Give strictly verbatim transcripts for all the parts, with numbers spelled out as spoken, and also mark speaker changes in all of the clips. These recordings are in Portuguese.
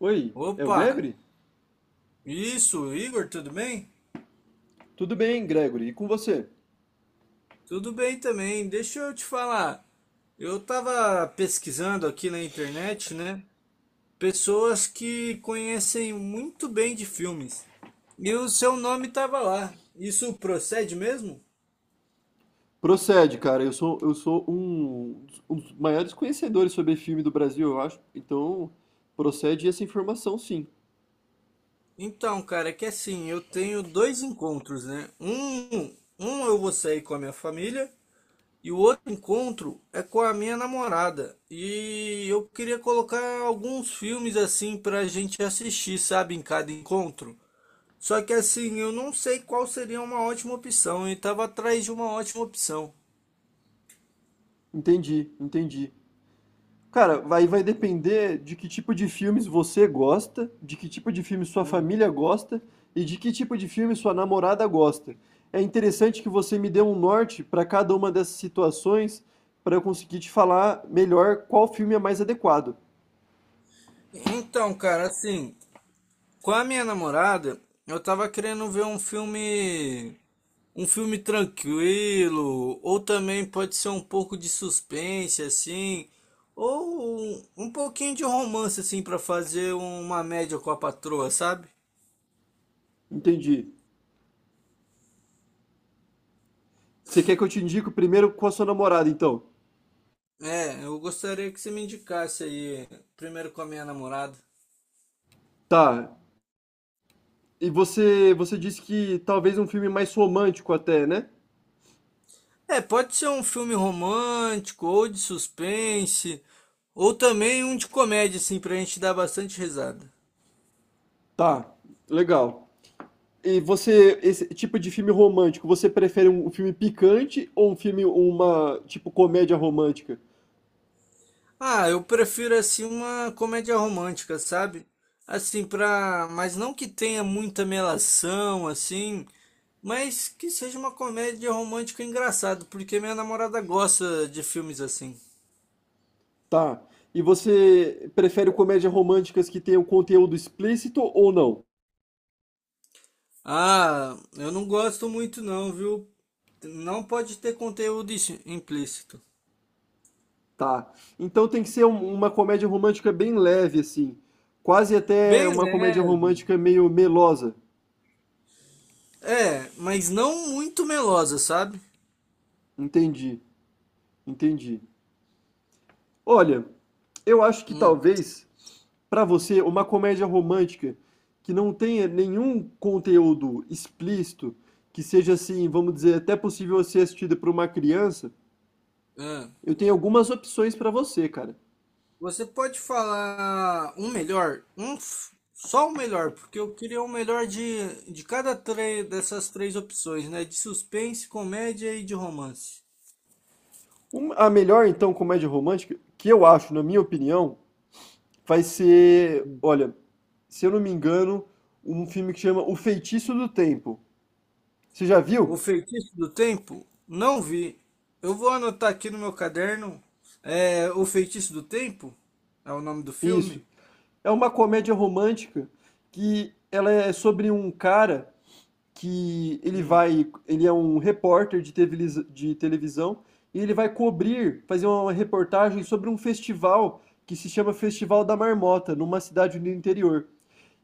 Speaker 1: Oi, é o
Speaker 2: Opa!
Speaker 1: Gregory?
Speaker 2: Isso, Igor, tudo bem?
Speaker 1: Tudo bem, Gregory, e com você?
Speaker 2: Tudo bem também. Deixa eu te falar. Eu tava pesquisando aqui na internet, né? Pessoas que conhecem muito bem de filmes. E o seu nome tava lá. Isso procede mesmo?
Speaker 1: Procede, cara, eu sou, eu sou um, dos- um dos maiores conhecedores sobre filme do Brasil, eu acho. Então, procede essa informação, sim.
Speaker 2: Então, cara, é que assim, eu tenho dois encontros, né? Um, um eu vou sair com a minha família. E o outro encontro é com a minha namorada. E eu queria colocar alguns filmes assim pra gente assistir, sabe, em cada encontro. Só que assim, eu não sei qual seria uma ótima opção e tava atrás de uma ótima opção.
Speaker 1: Entendi, entendi. Cara, vai, vai depender de que tipo de filmes você gosta, de que tipo de filme sua
Speaker 2: Hum.
Speaker 1: família gosta e de que tipo de filme sua namorada gosta. É interessante que você me dê um norte para cada uma dessas situações para eu conseguir te falar melhor qual filme é mais adequado.
Speaker 2: Então, cara, assim, com a minha namorada, eu tava querendo ver um filme. Um filme tranquilo, ou também pode ser um pouco de suspense, assim, ou um, um pouquinho de romance, assim, para fazer uma média com a patroa, sabe?
Speaker 1: Entendi. Você quer que eu te indique o primeiro com a sua namorada, então?
Speaker 2: É, eu gostaria que você me indicasse aí, primeiro com a minha namorada.
Speaker 1: Tá. E você, você disse que talvez um filme mais romântico até, né?
Speaker 2: É, pode ser um filme romântico, ou de suspense, ou também um de comédia, assim, pra gente dar bastante risada.
Speaker 1: Tá. Legal. E você, esse tipo de filme romântico, você prefere um, um filme picante ou um filme, uma, tipo, comédia romântica?
Speaker 2: Ah, eu prefiro assim uma comédia romântica, sabe? Assim, pra. Mas não que tenha muita melação, assim. Mas que seja uma comédia romântica engraçada, porque minha namorada gosta de filmes assim.
Speaker 1: Tá. E você prefere comédias românticas que tenham conteúdo explícito ou não?
Speaker 2: Ah, eu não gosto muito não, viu? Não pode ter conteúdo ix- implícito.
Speaker 1: Tá. Então tem que ser um- uma comédia romântica bem leve, assim. Quase até
Speaker 2: Bem
Speaker 1: uma comédia
Speaker 2: leve.
Speaker 1: romântica meio melosa.
Speaker 2: É, mas não muito melosa, sabe?
Speaker 1: Entendi. Entendi. Olha, eu acho que
Speaker 2: Hum,
Speaker 1: talvez para você uma comédia romântica que não tenha nenhum conteúdo explícito, que seja assim, vamos dizer, até possível ser assistida por uma criança,
Speaker 2: é.
Speaker 1: eu tenho algumas opções para você, cara.
Speaker 2: Você pode falar um melhor, um f- só o melhor, porque eu queria o melhor de, de cada três dessas três opções, né? De suspense, comédia e de romance.
Speaker 1: Uma- a melhor então comédia romântica, que eu acho, na minha opinião, vai ser,
Speaker 2: Hum.
Speaker 1: olha, se eu não me engano, um filme que chama O Feitiço do Tempo. Você já
Speaker 2: O
Speaker 1: viu?
Speaker 2: Feitiço do Tempo? Não vi. Eu vou anotar aqui no meu caderno. É, O Feitiço do Tempo é o nome do
Speaker 1: Isso.
Speaker 2: filme.
Speaker 1: É uma comédia romântica que ela é sobre um cara que ele
Speaker 2: Hum.
Speaker 1: vai, ele é um repórter de televis- de televisão e ele vai cobrir, fazer uma reportagem sobre um festival que se chama Festival da Marmota, numa cidade do interior.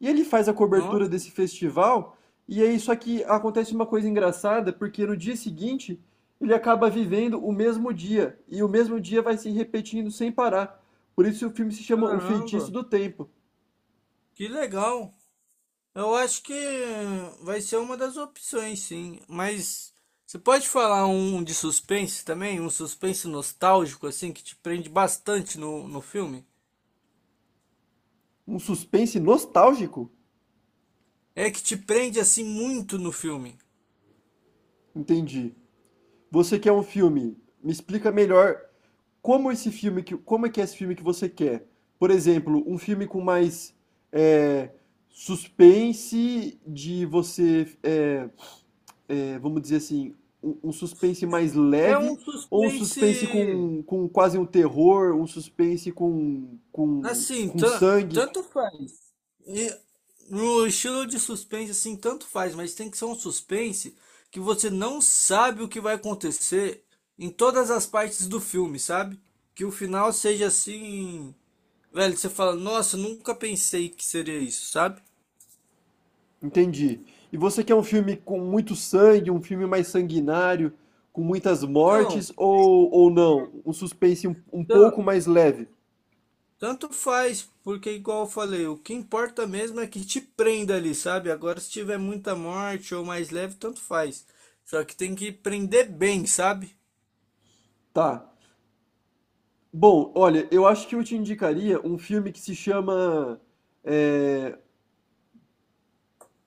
Speaker 1: E ele faz a cobertura
Speaker 2: Nossa,
Speaker 1: desse festival e aí só que acontece uma coisa engraçada, porque no dia seguinte ele acaba vivendo o mesmo dia e o mesmo dia vai se repetindo sem parar. Por isso o filme se chama O Feitiço
Speaker 2: caramba,
Speaker 1: do Tempo.
Speaker 2: que legal. Eu acho que vai ser uma das opções, sim. Mas você pode falar um de suspense também? Um suspense nostálgico, assim, que te prende bastante no, no filme?
Speaker 1: Um suspense nostálgico?
Speaker 2: É que te prende, assim, muito no filme.
Speaker 1: Entendi. Você quer um filme? Me explica melhor como esse filme que, como é que é esse filme que você quer? Por exemplo, um filme com mais é, suspense de você, é, é, vamos dizer assim, um, um suspense mais
Speaker 2: É
Speaker 1: leve
Speaker 2: um
Speaker 1: ou um suspense
Speaker 2: suspense.
Speaker 1: com, com quase um terror, um suspense com, com,
Speaker 2: Assim,
Speaker 1: com
Speaker 2: tan-
Speaker 1: sangue?
Speaker 2: tanto faz. E no estilo de suspense, assim, tanto faz, mas tem que ser um suspense que você não sabe o que vai acontecer em todas as partes do filme, sabe? Que o final seja assim. Velho, você fala, nossa, nunca pensei que seria isso, sabe?
Speaker 1: Entendi. E você quer um filme com muito sangue, um filme mais sanguinário, com muitas
Speaker 2: Então,
Speaker 1: mortes, ou, ou não? Um suspense um, um
Speaker 2: tan-
Speaker 1: pouco mais leve.
Speaker 2: tanto faz, porque igual eu falei, o que importa mesmo é que te prenda ali, sabe? Agora, se tiver muita morte ou mais leve, tanto faz. Só que tem que prender bem, sabe?
Speaker 1: Tá. Bom, olha, eu acho que eu te indicaria um filme que se chama é,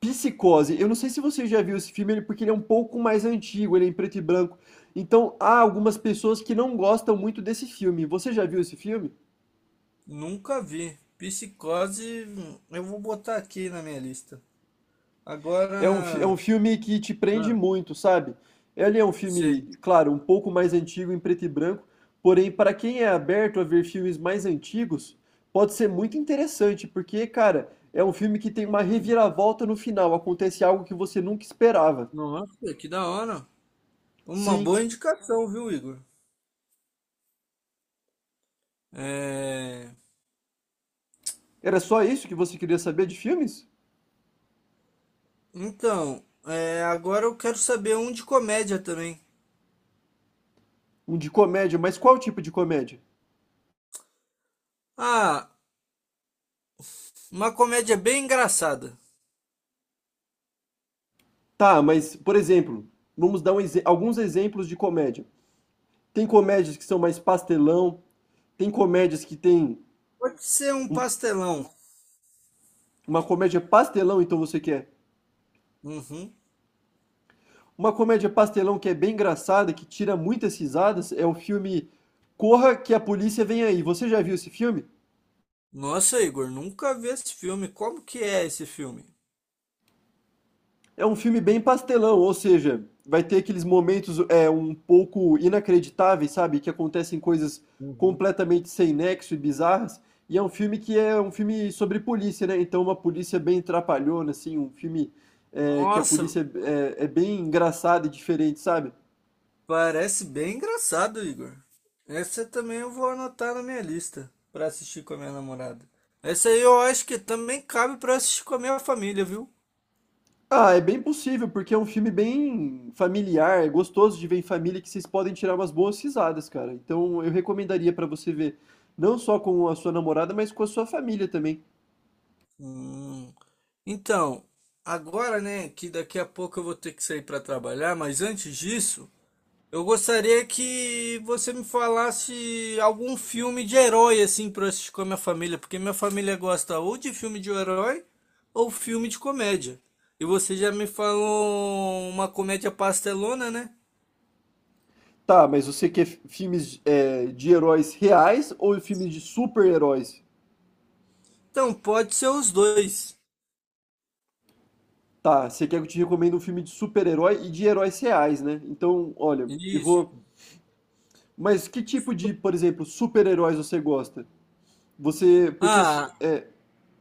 Speaker 1: Psicose. Eu não sei se você já viu esse filme, ele- porque ele é um pouco mais antigo, ele é em preto e branco. Então, há algumas pessoas que não gostam muito desse filme. Você já viu esse filme?
Speaker 2: Nunca vi. Psicose, hum, eu vou botar aqui na minha lista.
Speaker 1: É um, fi- é um
Speaker 2: Agora,
Speaker 1: filme que te prende
Speaker 2: ah,
Speaker 1: muito, sabe? Ele é um
Speaker 2: sei.
Speaker 1: filme, claro, um pouco mais antigo em preto e branco, porém, para quem é aberto a ver filmes mais antigos, pode ser muito interessante, porque, cara, é um filme que tem uma reviravolta no final, acontece algo que você nunca esperava.
Speaker 2: Nossa, que da hora. Uma
Speaker 1: Sim,
Speaker 2: boa indicação, viu, Igor? É...
Speaker 1: era só isso que você queria saber de filmes?
Speaker 2: Então, é, agora eu quero saber um de comédia também.
Speaker 1: Um de comédia, mas qual tipo de comédia?
Speaker 2: Ah, uma comédia bem engraçada.
Speaker 1: Tá, mas, por exemplo, vamos dar um exe- alguns exemplos de comédia. Tem comédias que são mais pastelão, tem comédias que têm
Speaker 2: Pode ser um
Speaker 1: um-
Speaker 2: pastelão.
Speaker 1: Uma comédia pastelão, então você quer?
Speaker 2: Uhum.
Speaker 1: Uma comédia pastelão que é bem engraçada, que tira muitas risadas, é o filme Corra que a Polícia Vem Aí. Você já viu esse filme?
Speaker 2: Nossa, Igor, nunca vi esse filme. Como que é esse filme?
Speaker 1: É um filme bem pastelão, ou seja, vai ter aqueles momentos é um pouco inacreditáveis, sabe? Que acontecem coisas
Speaker 2: Uhum.
Speaker 1: completamente sem nexo e bizarras. E é um filme que é um filme sobre polícia, né? Então uma polícia bem trapalhona, assim, um filme é, que a
Speaker 2: Nossa,
Speaker 1: polícia é, é bem engraçada e diferente, sabe?
Speaker 2: parece bem engraçado, Igor. Essa também eu vou anotar na minha lista pra assistir com a minha namorada. Essa aí eu acho que também cabe pra assistir com a minha família, viu?
Speaker 1: Ah, é bem possível, porque é um filme bem familiar, é gostoso de ver em família que vocês podem tirar umas boas risadas, cara. Então eu recomendaria pra você ver, não só com a sua namorada, mas com a sua família também.
Speaker 2: Hum. Então, agora, né, que daqui a pouco eu vou ter que sair para trabalhar, mas antes disso, eu gostaria que você me falasse algum filme de herói assim para assistir com a minha família, porque minha família gosta ou de filme de herói ou filme de comédia. E você já me falou uma comédia pastelona, né?
Speaker 1: Tá, mas você quer fi- filmes é, de heróis reais ou filmes de super-heróis?
Speaker 2: Então, pode ser os dois.
Speaker 1: Tá, você quer que eu te recomende um filme de super-herói e de heróis reais, né? Então, olha, eu
Speaker 2: Isso.
Speaker 1: vou. Mas que tipo de, por exemplo, super-heróis você gosta? Você. Porque.
Speaker 2: Ah,
Speaker 1: É,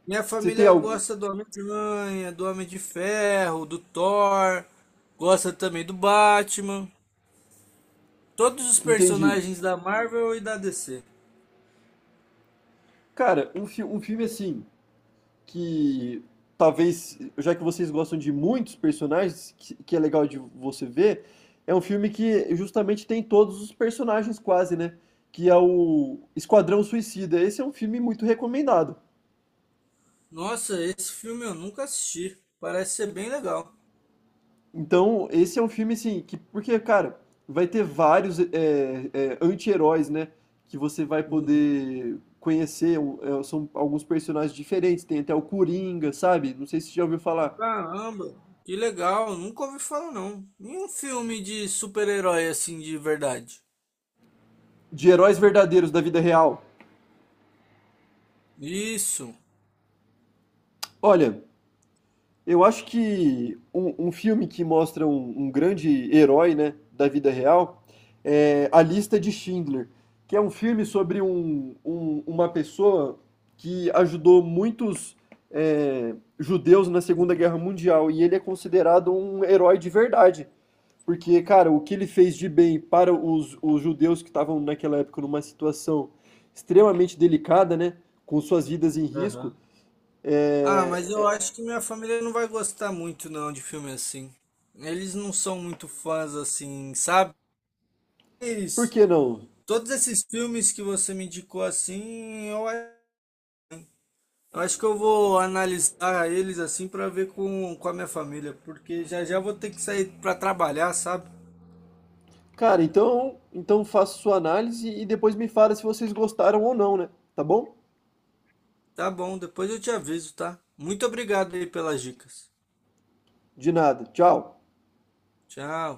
Speaker 2: minha
Speaker 1: você tem
Speaker 2: família
Speaker 1: algum.
Speaker 2: gosta do Homem-Aranha, do Homem de Ferro, do Thor, gosta também do Batman, todos os
Speaker 1: Entendi.
Speaker 2: personagens da Marvel e da D C.
Speaker 1: Cara, um, fi- um filme assim, que talvez, já que vocês gostam de muitos personagens, que, que é legal de você ver, é um filme que justamente tem todos os personagens quase, né? Que é o Esquadrão Suicida. Esse é um filme muito recomendado.
Speaker 2: Nossa, esse filme eu nunca assisti. Parece ser bem legal.
Speaker 1: Então, esse é um filme assim, que, porque, cara, vai ter vários é, é, anti-heróis, né? Que você vai
Speaker 2: Uhum.
Speaker 1: poder conhecer. Um, é, são alguns personagens diferentes. Tem até o Coringa, sabe? Não sei se você já ouviu falar.
Speaker 2: Caramba, que legal, nunca ouvi falar não. Nenhum filme de super-herói assim de verdade.
Speaker 1: De heróis verdadeiros da vida real.
Speaker 2: Isso.
Speaker 1: Olha, eu acho que um, um filme que mostra um, um grande herói, né, da vida real é A Lista de Schindler, que é um filme sobre um, um- uma pessoa que ajudou muitos é, judeus na Segunda Guerra Mundial e ele é considerado um herói de verdade. Porque, cara, o que ele fez de bem para os, os judeus que estavam naquela época numa situação extremamente delicada, né? Com suas vidas em risco,
Speaker 2: Aham. Ah, mas eu
Speaker 1: é,
Speaker 2: acho que minha família não vai gostar muito não de filme assim. Eles não são muito fãs assim, sabe?
Speaker 1: por
Speaker 2: Mas
Speaker 1: que não?
Speaker 2: todos esses filmes que você me indicou assim, eu a- eu acho que eu vou analisar eles assim pra ver com, com a minha família, porque já já vou ter que sair pra trabalhar, sabe?
Speaker 1: Cara, então, então faça sua análise e depois me fala se vocês gostaram ou não, né? Tá bom?
Speaker 2: Tá bom, depois eu te aviso, tá? Muito obrigado aí pelas dicas.
Speaker 1: De nada. Tchau.
Speaker 2: Tchau.